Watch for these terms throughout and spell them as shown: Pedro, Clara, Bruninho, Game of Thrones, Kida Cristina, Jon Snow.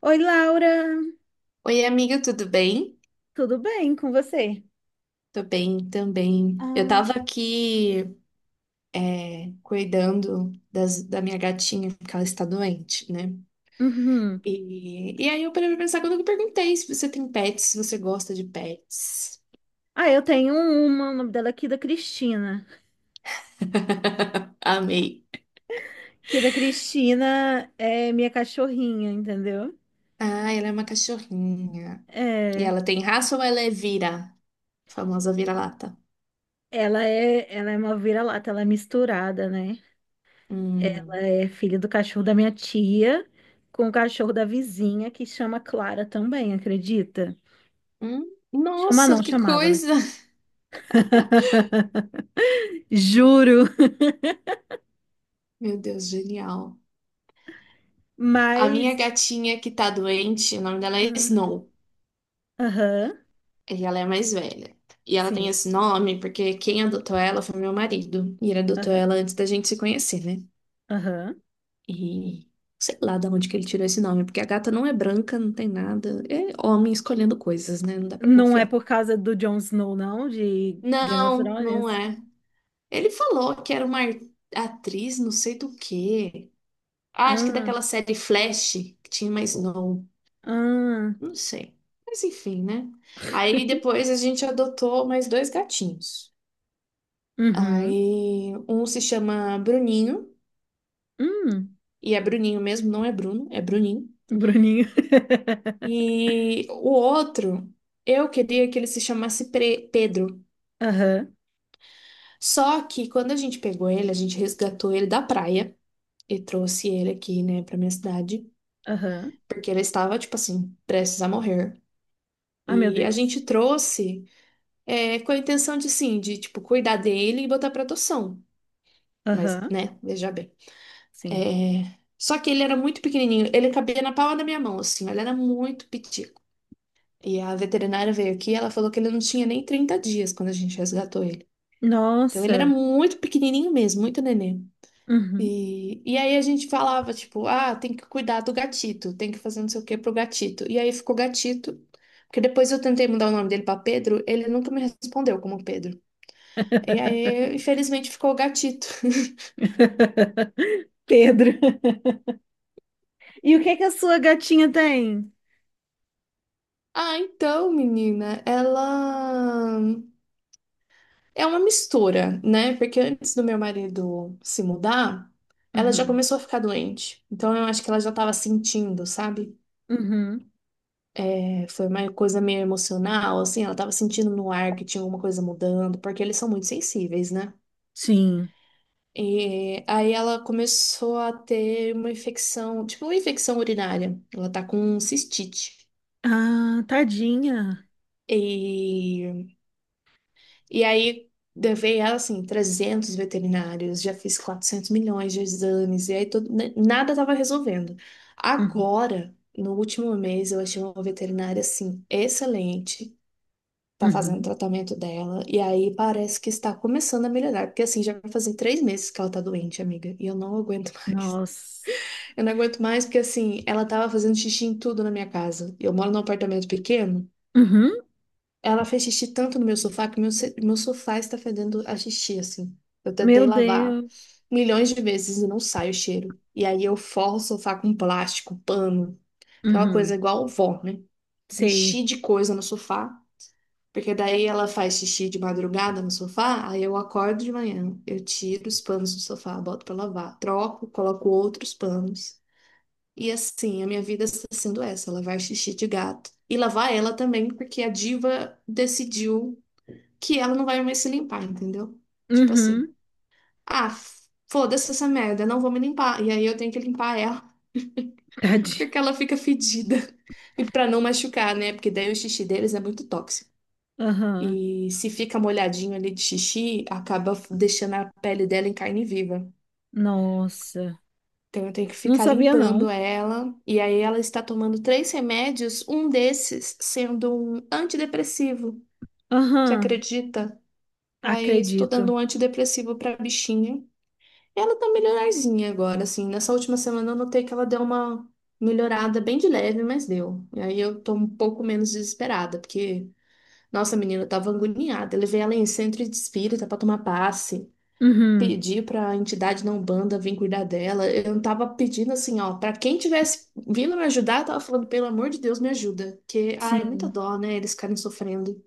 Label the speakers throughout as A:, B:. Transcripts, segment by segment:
A: Oi, Laura,
B: Oi, amiga, tudo bem?
A: tudo bem com você?
B: Tô bem também. Eu
A: Ah,
B: tava aqui cuidando da minha gatinha, porque ela está doente, né?
A: uhum.
B: E aí eu parei pra pensar quando eu perguntei se você tem pets, se você gosta de pets.
A: Ah, eu tenho uma, o nome dela é Kida Cristina.
B: Amei.
A: Kida Cristina é minha cachorrinha, entendeu?
B: Ah, ela é uma cachorrinha. E
A: É,
B: ela tem raça ou ela é vira? Famosa vira-lata.
A: ela é uma vira-lata, ela é misturada, né? Ela
B: Hum.
A: é filha do cachorro da minha tia com o cachorro da vizinha que chama Clara também, acredita?
B: Hum?
A: Chama
B: Nossa,
A: não,
B: que
A: chamava, né?
B: coisa!
A: Juro.
B: Meu Deus, genial. A minha
A: Mas,
B: gatinha que tá doente, o nome dela é
A: ah,
B: Snow.
A: aham,
B: E ela é mais velha. E ela tem
A: sim,
B: esse nome porque quem adotou ela foi meu marido. E ele adotou
A: aham,
B: ela antes da gente se conhecer, né?
A: aham.
B: E sei lá de onde que ele tirou esse nome, porque a gata não é branca, não tem nada. É homem escolhendo coisas, né? Não dá pra
A: Não é
B: confiar.
A: por causa do Jon Snow, não, de Game of
B: Não, não
A: Thrones?
B: é. Ele falou que era uma atriz, não sei do quê. Ah, acho que
A: Ah,
B: daquela série Flash, que tinha mais Snow.
A: ah,
B: Não sei. Mas enfim, né? Aí depois a gente adotou mais dois gatinhos.
A: uhum,
B: Aí um se chama Bruninho,
A: hum,
B: e é Bruninho mesmo, não é Bruno, é Bruninho.
A: Bruninho.
B: E o outro, eu queria que ele se chamasse Pedro.
A: Aham,
B: Só que quando a gente pegou ele, a gente resgatou ele da praia e trouxe ele aqui, né, pra minha cidade,
A: aham.
B: porque ele estava, tipo assim, prestes a morrer.
A: Ah meu
B: E a
A: Deus.
B: gente trouxe é, com a intenção de, sim, de, tipo, cuidar dele e botar pra adoção. Mas,
A: Aham,
B: né, veja bem.
A: sim.
B: É, só que ele era muito pequenininho, ele cabia na palma da minha mão, assim, ele era muito pitico. E a veterinária veio aqui, e ela falou que ele não tinha nem 30 dias quando a gente resgatou ele. Então ele era
A: Nossa.
B: muito pequenininho mesmo, muito nenê.
A: Uhum.
B: E aí a gente falava, tipo, ah, tem que cuidar do gatito, tem que fazer não sei o que pro gatito. E aí ficou gatito, porque depois eu tentei mudar o nome dele pra Pedro, ele nunca me respondeu como Pedro. E aí, infelizmente, ficou gatito.
A: Pedro. E o que que a sua gatinha tem?
B: Ah, então, menina, ela. É uma mistura, né? Porque antes do meu marido se mudar, ela já
A: Uhum,
B: começou a ficar doente. Então eu acho que ela já estava sentindo, sabe?
A: uhum.
B: É, foi uma coisa meio emocional, assim, ela estava sentindo no ar que tinha alguma coisa mudando, porque eles são muito sensíveis, né?
A: Sim.
B: E aí ela começou a ter uma infecção, tipo uma infecção urinária. Ela tá com cistite.
A: Ah, tadinha.
B: E E aí, levei ela, assim, 300 veterinários, já fiz 400 milhões de exames, e aí nada tava resolvendo.
A: Uhum,
B: Agora, no último mês, eu achei uma veterinária, assim, excelente, tá fazendo o
A: uhum.
B: tratamento dela, e aí parece que está começando a melhorar, porque, assim, já vai fazer 3 meses que ela tá doente, amiga, e eu não aguento mais.
A: Nossa.
B: Eu não aguento mais porque, assim, ela tava fazendo xixi em tudo na minha casa. Eu moro num apartamento pequeno,
A: Uhum.
B: ela fez xixi tanto no meu sofá que meu, meu sofá está fedendo a xixi, assim. Eu
A: Meu
B: tentei lavar
A: Deus.
B: milhões de vezes e não sai o cheiro. E aí eu forro o sofá com plástico, pano, aquela coisa
A: Uhum.
B: igual vó, né?
A: Sei.
B: Enchi de coisa no sofá, porque daí ela faz xixi de madrugada no sofá, aí eu acordo de manhã, eu tiro os panos do sofá, boto pra lavar, troco, coloco outros panos. E assim, a minha vida está sendo essa, lavar xixi de gato. E lavar ela também, porque a diva decidiu que ela não vai mais se limpar, entendeu? Tipo assim,
A: Uhum.
B: ah, foda-se essa merda, não vou me limpar. E aí eu tenho que limpar ela,
A: Tadinho.
B: porque ela fica fedida. E pra não machucar, né? Porque daí o xixi deles é muito tóxico.
A: Aham.
B: E se fica molhadinho ali de xixi, acaba deixando a pele dela em carne viva.
A: Nossa.
B: Então eu tenho que
A: Não
B: ficar
A: sabia,
B: limpando
A: não.
B: ela. E aí ela está tomando três remédios, um desses sendo um antidepressivo. Você
A: Aham.
B: acredita? Aí estou dando
A: Acredito.
B: um antidepressivo pra bichinha. Ela tá melhorzinha agora, assim. Nessa última semana eu notei que ela deu uma melhorada bem de leve, mas deu. E aí eu tô um pouco menos desesperada, porque, nossa, menina, eu tava agoniada. Eu levei ela em centro de espírita pra tomar passe.
A: Uhum.
B: Pedi pra entidade não banda vir cuidar dela. Eu não tava pedindo assim, ó, pra quem tivesse vindo me ajudar, eu tava falando, pelo amor de Deus, me ajuda. Que, ai, é muita
A: Sim.
B: dó, né? Eles ficarem sofrendo.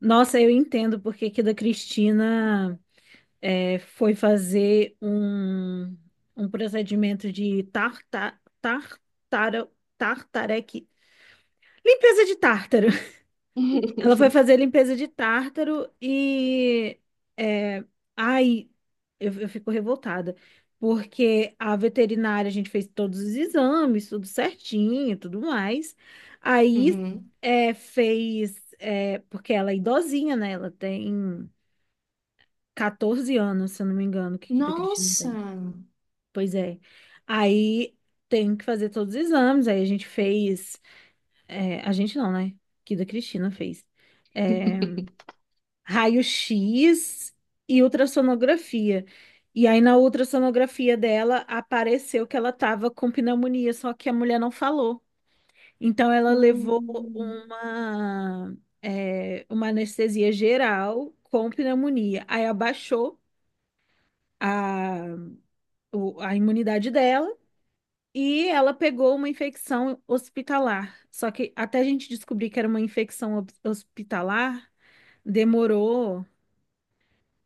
A: Nossa, eu entendo porque que da Cristina foi fazer um, um procedimento de tartareque. Limpeza de tártaro. Ela foi fazer limpeza de tártaro e. É, ai, eu fico revoltada. Porque a veterinária, a gente fez todos os exames, tudo certinho, tudo mais. Aí
B: Uhum.
A: é, fez. É, porque ela é idosinha, né? Ela tem 14 anos, se eu não me engano, que da Cristina tem.
B: Nossa!
A: Pois é. Aí tem que fazer todos os exames. Aí a gente fez. É, a gente não, né? Que da Cristina fez. eh, raio-x e ultrassonografia. E aí na ultrassonografia dela apareceu que ela estava com pneumonia, só que a mulher não falou. Então ela levou
B: Hum.
A: uma, uma anestesia geral com pneumonia. Aí abaixou a, a imunidade dela e ela pegou uma infecção hospitalar. Só que até a gente descobrir que era uma infecção hospitalar, demorou.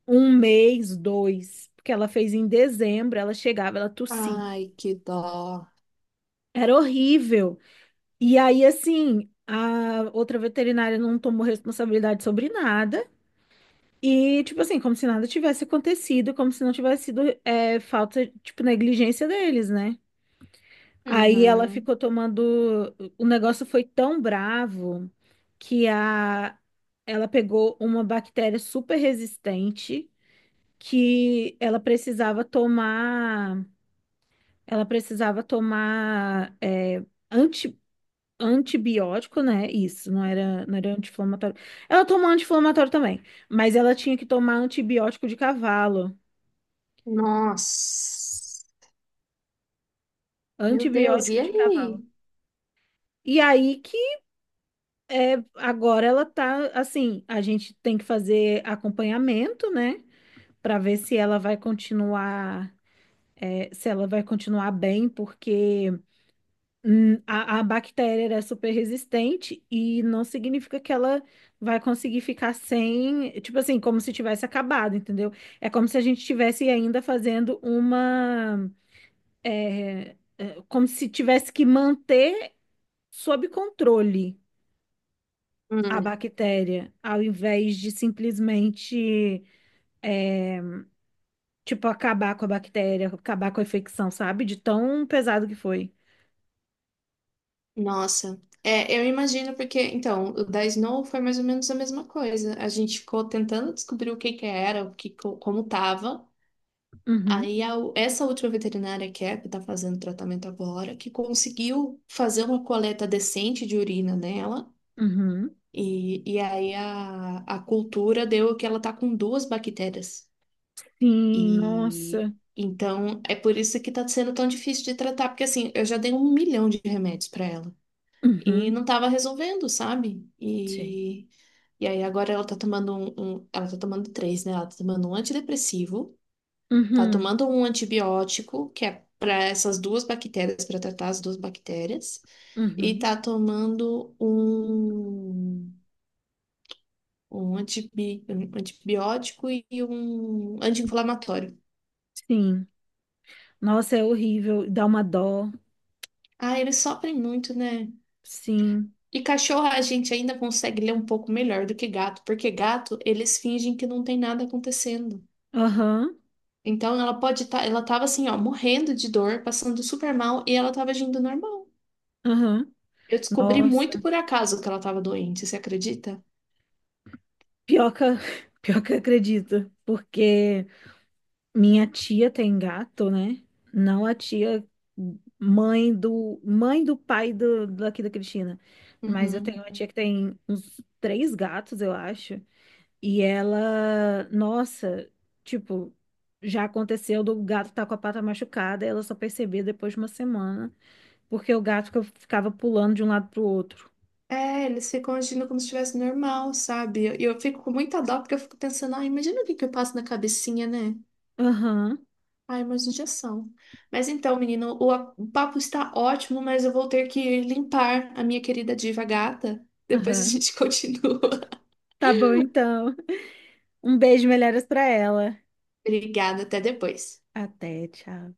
A: Um mês, dois, porque ela fez em dezembro, ela chegava, ela tossia.
B: Ai, que dó.
A: Era horrível. E aí, assim, a outra veterinária não tomou responsabilidade sobre nada. E, tipo assim, como se nada tivesse acontecido, como se não tivesse sido falta, tipo, negligência deles, né? Aí ela
B: Uhum.
A: ficou tomando. O negócio foi tão bravo que a... ela pegou uma bactéria super resistente que ela precisava tomar. Ela precisava tomar anti, antibiótico, né? Isso, não era anti-inflamatório. Ela tomou anti-inflamatório também, mas ela tinha que tomar antibiótico de cavalo.
B: Nossa. Meu Deus, e
A: Antibiótico de cavalo.
B: aí?
A: E aí que agora ela tá assim, a gente tem que fazer acompanhamento, né? Pra ver se ela vai continuar, se ela vai continuar bem, porque hum, a bactéria ela é super resistente e não significa que ela vai conseguir ficar sem, tipo assim, como se tivesse acabado, entendeu? É como se a gente estivesse ainda fazendo uma, é, como se tivesse que manter sob controle a
B: Hum,
A: bactéria, ao invés de simplesmente, tipo, acabar com a bactéria, acabar com a infecção, sabe? De tão pesado que foi.
B: Nossa. É, eu imagino porque, então, o da Snow foi mais ou menos a mesma coisa. A gente ficou tentando descobrir o que que era, como tava.
A: Uhum,
B: Aí essa última veterinária que é, que tá fazendo tratamento agora, que conseguiu fazer uma coleta decente de urina nela.
A: uhum.
B: E aí a cultura deu que ela tá com duas bactérias.
A: Sim,
B: E
A: nossa.
B: então é por isso que tá sendo tão difícil de tratar, porque assim, eu já dei 1 milhão de remédios pra ela e
A: Uhum.
B: não tava resolvendo, sabe?
A: Sim.
B: E aí agora ela tá tomando ela tá tomando três, né? Ela tá tomando um antidepressivo, tá
A: Uhum,
B: tomando um antibiótico, que é pra essas duas bactérias, pra tratar as duas bactérias, e
A: uhum,
B: tá tomando um antibiótico e um anti-inflamatório.
A: sim. Nossa, é horrível, dá uma dó,
B: Ah, eles sofrem muito, né?
A: sim.
B: E cachorro a gente ainda consegue ler um pouco melhor do que gato, porque gato eles fingem que não tem nada acontecendo.
A: Aham,
B: Então ela pode estar, ela tava assim, ó, morrendo de dor, passando super mal e ela tava agindo normal.
A: aham,
B: Eu descobri
A: nossa.
B: muito por acaso que ela tava doente, você acredita?
A: Pior que, pior que eu acredito, porque minha tia tem gato, né? Não a tia mãe do pai do, daqui da Cristina, mas eu tenho
B: Uhum.
A: uma tia que tem uns três gatos, eu acho. E ela, nossa, tipo, já aconteceu do gato tá com a pata machucada, ela só percebia depois de uma semana, porque o gato ficava pulando de um lado pro outro.
B: É, eles ficam agindo como se estivesse normal, sabe? E eu fico com muita dó porque eu fico pensando, ah, imagina o que que eu passo na cabecinha, né?
A: Aham,
B: Ai, mais injeção. Mas então, menino, o papo está ótimo, mas eu vou ter que limpar a minha querida diva gata. Depois a
A: aham.
B: gente continua.
A: Tá bom então. Um beijo, melhoras pra ela.
B: Obrigada, até depois.
A: Até, tchau.